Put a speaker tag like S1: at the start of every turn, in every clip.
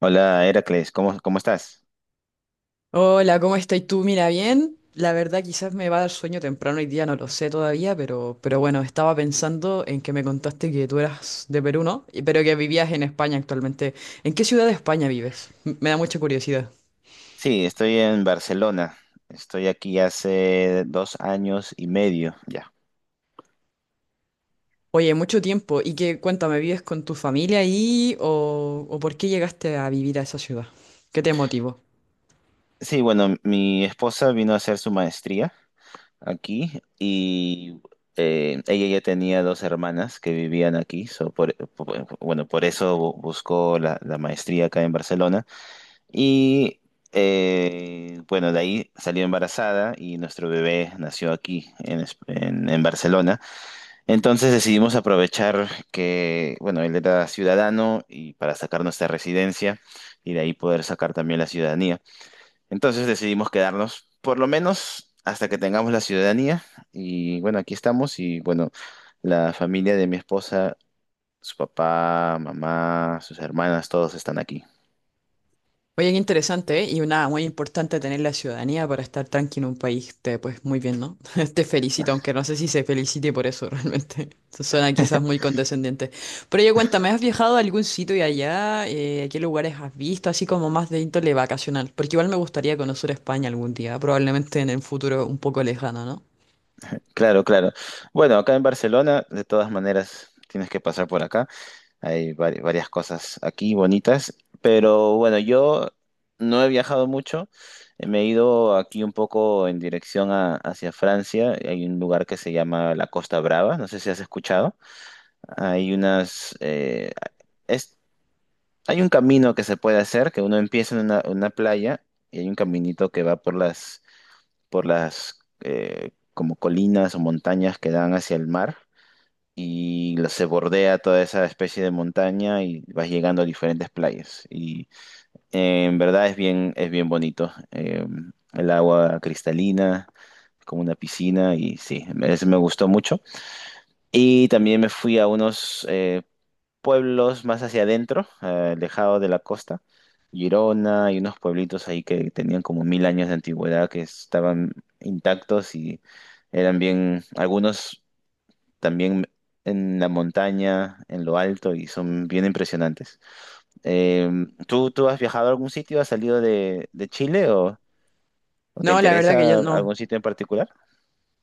S1: Hola, Heracles, ¿cómo estás?
S2: Hola, ¿cómo estás tú? Mira, bien. La verdad, quizás me va a dar sueño temprano hoy día, no lo sé todavía, pero bueno, estaba pensando en que me contaste que tú eras de Perú, ¿no? Y- Pero que vivías en España actualmente. ¿En qué ciudad de España vives? M- Me da mucha curiosidad.
S1: Sí, estoy en Barcelona. Estoy aquí hace 2 años y medio ya.
S2: Oye, mucho tiempo. Y que, cuéntame, ¿vives con tu familia ahí o por qué llegaste a vivir a esa ciudad? ¿Qué te motivó?
S1: Sí, bueno, mi esposa vino a hacer su maestría aquí y ella ya tenía 2 hermanas que vivían aquí. So bueno, por eso buscó la maestría acá en Barcelona. Y bueno, de ahí salió embarazada y nuestro bebé nació aquí en, en Barcelona. Entonces decidimos aprovechar que, bueno, él era ciudadano y para sacar nuestra residencia y de ahí poder sacar también la ciudadanía. Entonces decidimos quedarnos por lo menos hasta que tengamos la ciudadanía y bueno, aquí estamos y bueno, la familia de mi esposa, su papá, mamá, sus hermanas, todos están aquí.
S2: Oye, qué interesante, ¿eh? Y una muy importante tener la ciudadanía para estar tranquilo en un país, te, pues muy bien, ¿no? Te felicito, aunque no sé si se felicite por eso realmente. Eso suena quizás muy condescendiente. Pero oye, cuéntame, ¿has viajado a algún sitio y allá? ¿Qué lugares has visto? Así como más de índole vacacional. Porque igual me gustaría conocer España algún día, probablemente en el futuro un poco lejano, ¿no?
S1: Claro, claro. Bueno, acá en Barcelona, de todas maneras, tienes que pasar por acá. Hay varias cosas aquí bonitas, pero bueno, yo no he viajado mucho. Me he ido aquí un poco en dirección hacia Francia. Hay un lugar que se llama la Costa Brava, no sé si has escuchado. Hay unas, es- hay un camino que se puede hacer, que uno empieza en una playa y hay un caminito que va por las como colinas o montañas que dan hacia el mar y se bordea toda esa especie de montaña y vas llegando a diferentes playas. Y en verdad es bien bonito. El agua cristalina, como una piscina, y sí, ese me gustó mucho. Y también me fui a unos pueblos más hacia adentro, alejado de la costa. Girona y unos pueblitos ahí que tenían como 1000 años de antigüedad que estaban intactos y eran bien, algunos también en la montaña, en lo alto, y son bien impresionantes. Eh, ¿Tú has viajado a algún sitio? ¿Has salido de Chile o te
S2: No, la verdad
S1: interesa
S2: que yo no.
S1: algún sitio en particular?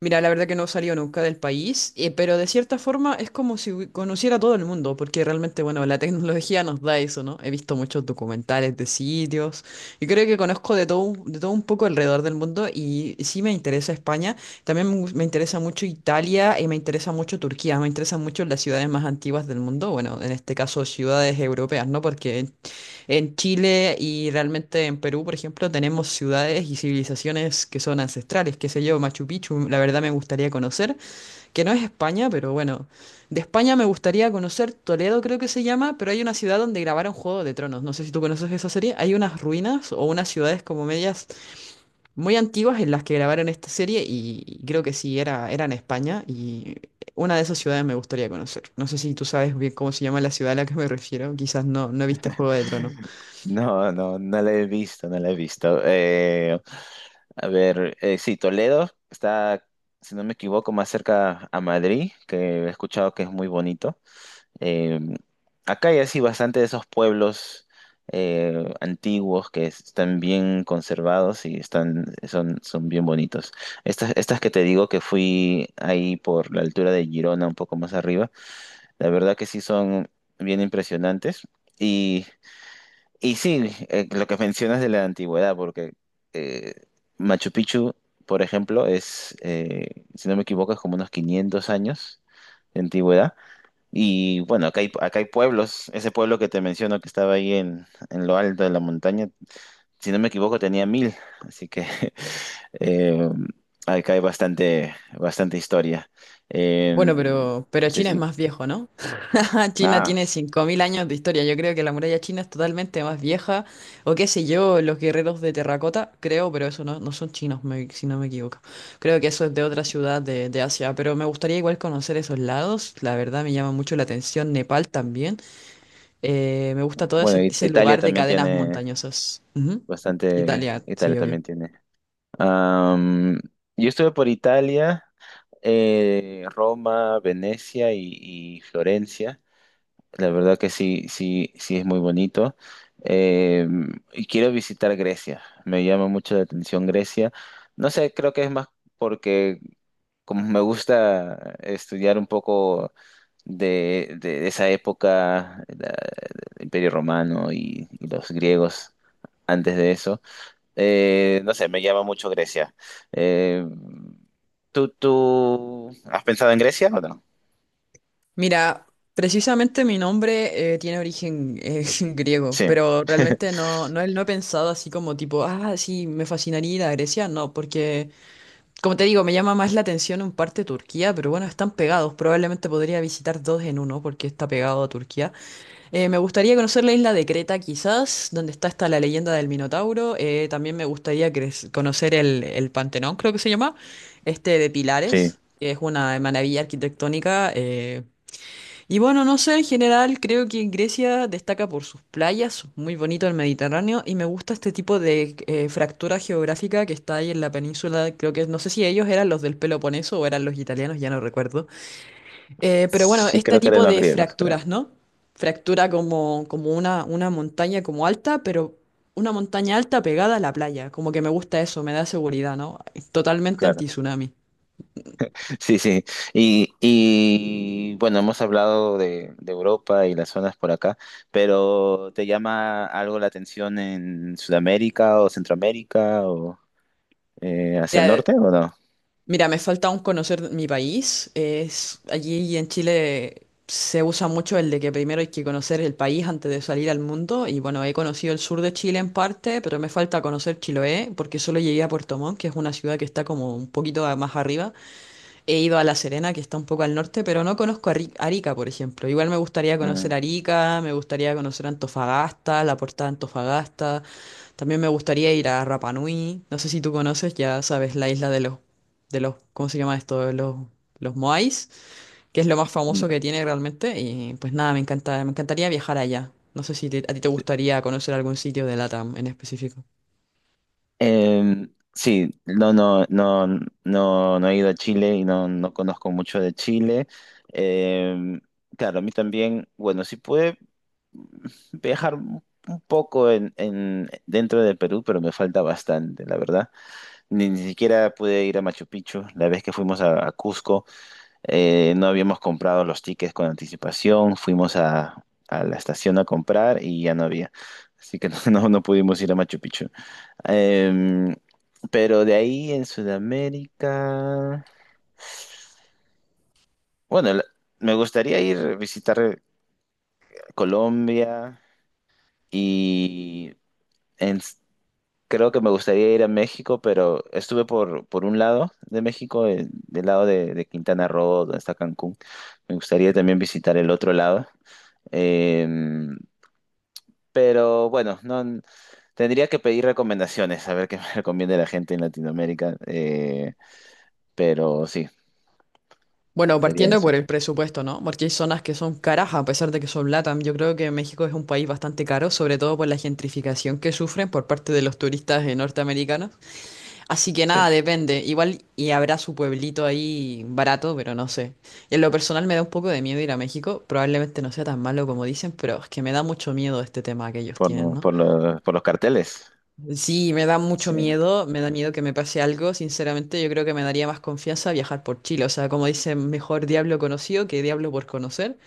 S2: Mira, la verdad que no salió nunca del país, pero de cierta forma es como si hu- conociera a todo el mundo, porque realmente, bueno, la tecnología nos da eso, ¿no? He visto muchos documentales de sitios y creo que conozco de todo un poco alrededor del mundo y sí me interesa España, también me, gus- me interesa mucho Italia y me interesa mucho Turquía, me interesan mucho las ciudades más antiguas del mundo, bueno, en este caso ciudades europeas, ¿no? Porque en Chile y realmente en Perú, por ejemplo, tenemos ciudades y civilizaciones que son ancestrales, qué sé yo, Machu Picchu, la verdad me gustaría conocer, que no es España, pero bueno, de España me gustaría conocer Toledo, creo que se llama, pero hay una ciudad donde grabaron Juego de Tronos, no sé si tú conoces esa serie, hay unas ruinas o unas ciudades como medias muy antiguas en las que grabaron esta serie y creo que sí, era en España y una de esas ciudades me gustaría conocer. No sé si tú sabes bien cómo se llama la ciudad a la que me refiero, quizás no, no viste Juego de Tronos.
S1: No, no, no la he visto, no la he visto. A ver, sí, Toledo está, si no me equivoco, más cerca a Madrid, que he escuchado que es muy bonito. Eh, acá hay así bastante de esos pueblos antiguos que están bien conservados y están, son, son bien bonitos. Estas, estas que te digo que fui ahí por la altura de Girona, un poco más arriba, la verdad que sí son bien impresionantes. Y, y sí, lo que mencionas de la antigüedad, porque eh, Machu Picchu, por ejemplo, es, si no me equivoco, es como unos 500 años de antigüedad. Y bueno, acá hay pueblos. Ese pueblo que te menciono que estaba ahí en lo alto de la montaña, si no me equivoco, tenía mil. Así que eh, acá hay bastante, bastante historia. Eh,
S2: Bueno, pero
S1: sí,
S2: China es
S1: sí.
S2: más viejo, ¿no? China
S1: Ah,
S2: tiene
S1: s-
S2: 5.000 años de historia. Yo creo que la muralla china es totalmente más vieja. O qué sé yo, los guerreros de terracota, creo, pero eso no, no son chinos, me- si no me equivoco. Creo que eso es de otra ciudad de Asia. Pero me gustaría igual conocer esos lados. La verdad me llama mucho la atención Nepal también. Me gusta todo
S1: bueno,
S2: ese, ese
S1: Italia
S2: lugar de
S1: también
S2: cadenas
S1: tiene
S2: montañosas. Ujú.
S1: bastante.
S2: Italia,
S1: Italia
S2: sí, obvio.
S1: también tiene. Am, yo estuve por Italia, Roma, Venecia y Florencia. La verdad que sí, sí, sí es muy bonito. Eh, y quiero visitar Grecia. Me llama mucho la atención Grecia. No sé, creo que es más porque como me gusta estudiar un poco de esa época, el Imperio Romano y los griegos antes de eso, no sé, me llama mucho Grecia. Eh, ¿tú has pensado en Grecia o no?
S2: Mira, precisamente mi nombre tiene origen griego,
S1: Sí,
S2: pero realmente no, no, he- no he pensado así como tipo, ah, sí, me fascinaría ir a Grecia, no, porque, como te digo, me llama más la atención en parte Turquía, pero bueno, están pegados, probablemente podría visitar dos en uno, porque está pegado a Turquía. Me gustaría conocer la isla de Creta, quizás, donde está esta la leyenda del Minotauro, también me gustaría cre- conocer el Pantenón, creo que se llama, este de
S1: sí,
S2: Pilares. Que Es una maravilla arquitectónica, y bueno, no sé, en general creo que Grecia destaca por sus playas, muy bonito el Mediterráneo, y me gusta este tipo de fractura geográfica que está ahí en la península, creo que no sé si ellos eran los del Peloponeso o eran los italianos, ya no recuerdo. Pero bueno,
S1: sí
S2: este
S1: creo que eran
S2: tipo
S1: los
S2: de
S1: griegos, creo.
S2: fracturas, ¿no? Fractura como, como una montaña como alta, pero una montaña alta pegada a la playa, como que me gusta eso, me da seguridad, ¿no? Totalmente
S1: Claro.
S2: anti-tsunami.
S1: Sí, sí. Y bueno, hemos hablado de Europa y las zonas por acá, pero ¿te llama algo la atención en Sudamérica o Centroamérica o hacia el norte o no?
S2: Mira, me falta aún conocer mi país. Es, allí en Chile se usa mucho el de que primero hay que conocer el país antes de salir al mundo. Y bueno, he conocido el sur de Chile en parte, pero me falta conocer Chiloé porque solo llegué a Puerto Montt, que es una ciudad que está como un poquito a- más arriba. He ido a La Serena, que está un poco al norte, pero no conozco Arri- Arica, por ejemplo. Igual me gustaría conocer
S1: Mm,
S2: Arica, me gustaría conocer Antofagasta, la Portada de Antofagasta. También me gustaría ir a Rapa Nui. No sé si tú conoces, ya sabes, la isla de los, ¿cómo se llama esto? De los Moais, que es lo más famoso
S1: no.
S2: que tiene realmente. Y pues nada, me encanta, me encantaría viajar allá. No sé si te- a ti te gustaría conocer algún sitio de LATAM en específico.
S1: Eh, sí, no, no, no, no, no he ido a Chile y no, no conozco mucho de Chile. Eh, claro, a mí también, bueno, sí pude viajar un poco en, dentro de Perú, pero me falta bastante, la verdad. Ni, ni siquiera pude ir a Machu Picchu. La vez que fuimos a Cusco, no habíamos comprado los tickets con anticipación. Fuimos a la estación a comprar y ya no había. Así que no, no pudimos ir a Machu Picchu. Em, pero de ahí en Sudamérica, bueno, la- me gustaría ir a visitar Colombia y en, creo que me gustaría ir a México, pero estuve por un lado de México, del lado de Quintana Roo, donde está Cancún. Me gustaría también visitar el otro lado. Em, pero bueno, no, tendría que pedir recomendaciones, a ver qué me recomienda la gente en Latinoamérica. Pero sí,
S2: Bueno,
S1: sería
S2: partiendo
S1: eso.
S2: por el presupuesto, ¿no? Porque hay zonas que son caras a pesar de que son LATAM. Yo creo que México es un país bastante caro, sobre todo por la gentrificación que sufren por parte de los turistas norteamericanos. Así que
S1: Sí,
S2: nada, depende. Igual y habrá su pueblito ahí barato, pero no sé. En lo personal me da un poco de miedo ir a México. Probablemente no sea tan malo como dicen, pero es que me da mucho miedo este tema que ellos tienen, ¿no?
S1: por los carteles.
S2: Sí, me da mucho
S1: Sí.
S2: miedo, me da miedo que me pase algo. Sinceramente, yo creo que me daría más confianza viajar por Chile. O sea, como dicen, mejor diablo conocido que diablo por conocer.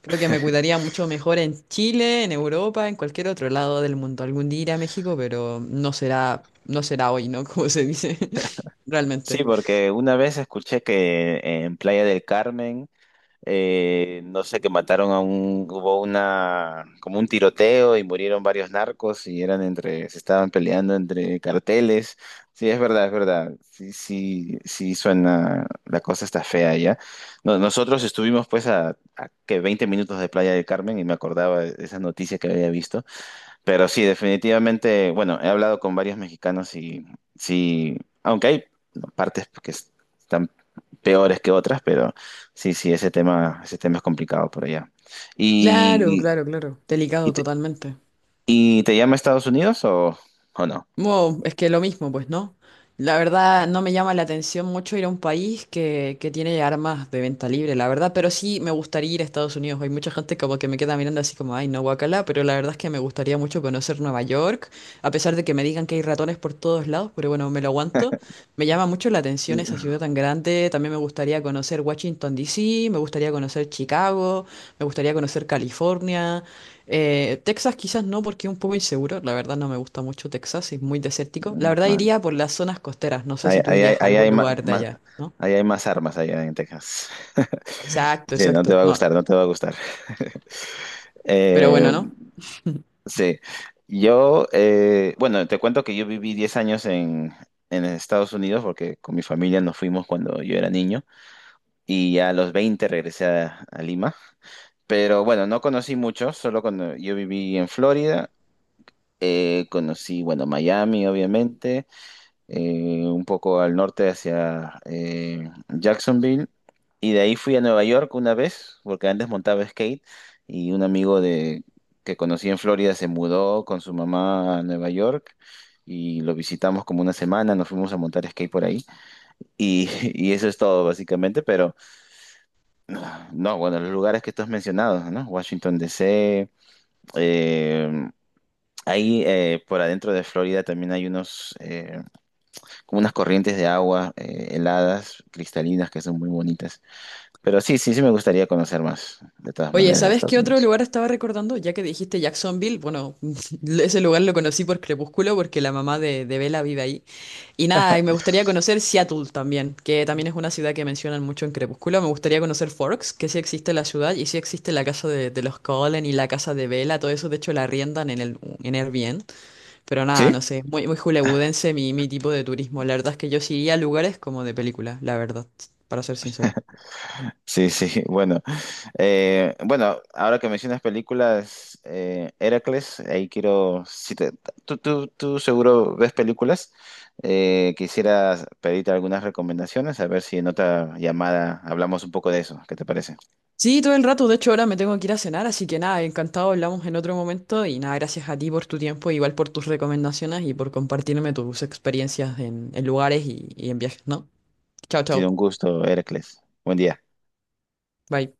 S2: Creo que me cuidaría mucho mejor en Chile, en Europa, en cualquier otro lado del mundo. Algún día iré a México, pero no será hoy, ¿no? Como se dice,
S1: Sí,
S2: realmente.
S1: porque una vez escuché que en Playa del Carmen no sé, que mataron a un, hubo una, como un tiroteo y murieron varios narcos y eran entre, se estaban peleando entre carteles. Sí, es verdad, es verdad. Sí, sí, sí suena, la cosa está fea ya. Nosotros estuvimos pues a que 20 minutos de Playa del Carmen y me acordaba de esa noticia que había visto. Pero sí, definitivamente, bueno, he hablado con varios mexicanos y sí, aunque hay partes están peores que otras, pero sí, sí, ese tema es complicado por allá.
S2: Claro,
S1: ¿Y,
S2: claro, claro.
S1: y,
S2: Delicado
S1: te,
S2: totalmente.
S1: y te llama Estados Unidos o no?
S2: Wow, es que lo mismo, pues, ¿no? La verdad, no me llama la atención mucho ir a un país que tiene armas de venta libre, la verdad, pero sí me gustaría ir a Estados Unidos. Hay mucha gente como que me queda mirando así como, ay, no, guacala, pero la verdad es que me gustaría mucho conocer Nueva York, a pesar de que me digan que hay ratones por todos lados, pero bueno, me lo aguanto. Me llama mucho la atención esa
S1: Mm,
S2: ciudad tan grande. También me gustaría conocer Washington D. C. me gustaría conocer Chicago, me gustaría conocer California. Texas quizás no porque es un poco inseguro, la verdad no me gusta mucho Texas, es muy desértico. La verdad
S1: No.
S2: iría por las zonas costeras, no sé
S1: Ahí,
S2: si tú
S1: ahí,
S2: irías a algún lugar de allá, ¿no?
S1: ahí hay más armas allá en Texas.
S2: Exacto,
S1: Sí, no te
S2: exacto,
S1: va a
S2: no,
S1: gustar, no te va a gustar.
S2: pero
S1: Eh,
S2: bueno, ¿no?
S1: Sí, bueno, te cuento que yo viví 10 años en Estados Unidos porque con mi familia nos fuimos cuando yo era niño y ya a los 20 regresé a Lima. Pero bueno, no conocí mucho, solo cuando yo viví en Florida, conocí, bueno, Miami, obviamente, un poco al norte hacia Jacksonville. Y de ahí fui a Nueva York una vez, porque antes montaba skate y un amigo de, que conocí en Florida se mudó con su mamá a Nueva York y lo visitamos como una semana, nos fuimos a montar skate por ahí y, y eso es todo básicamente, pero no, bueno, los lugares que tú has mencionado, ¿no? Washington D.C., eh, ahí por adentro de Florida también hay unos... como unas corrientes de agua heladas, cristalinas, que son muy bonitas. Pero sí, sí, sí me gustaría conocer más, de todas
S2: Oye,
S1: maneras, de
S2: ¿sabes qué
S1: Estados
S2: otro
S1: Unidos.
S2: lugar estaba recordando? Ya que dijiste Jacksonville, bueno, ese lugar lo conocí por Crepúsculo porque la mamá de Bella vive ahí. Y nada, y me gustaría conocer Seattle también, que también es una ciudad que mencionan mucho en Crepúsculo. Me gustaría conocer Forks, que sí existe la ciudad y sí existe la casa de los Cullen y la casa de Bella, todo eso de hecho la arriendan en el en Airbnb. Pero nada,
S1: ¿Sí?
S2: no sé, muy, muy hollywoodense mi, mi tipo de turismo. La verdad es que yo sí iría a lugares como de película, la verdad, para ser sincero.
S1: Sí, sí, bueno. Bueno, ahora que mencionas películas, Heracles, ahí quiero, si te- tú seguro ves películas, quisiera pedirte algunas recomendaciones, a ver si en otra llamada hablamos un poco de eso, ¿qué te parece? Ha
S2: Sí, todo el rato, de hecho ahora me tengo que ir a cenar, así que nada, encantado, hablamos en otro momento y nada, gracias a ti por tu tiempo, igual por tus recomendaciones y por compartirme tus experiencias en lugares y en viajes, ¿no? Chao, chao.
S1: sido un gusto, Heracles. Buen día.
S2: Bye.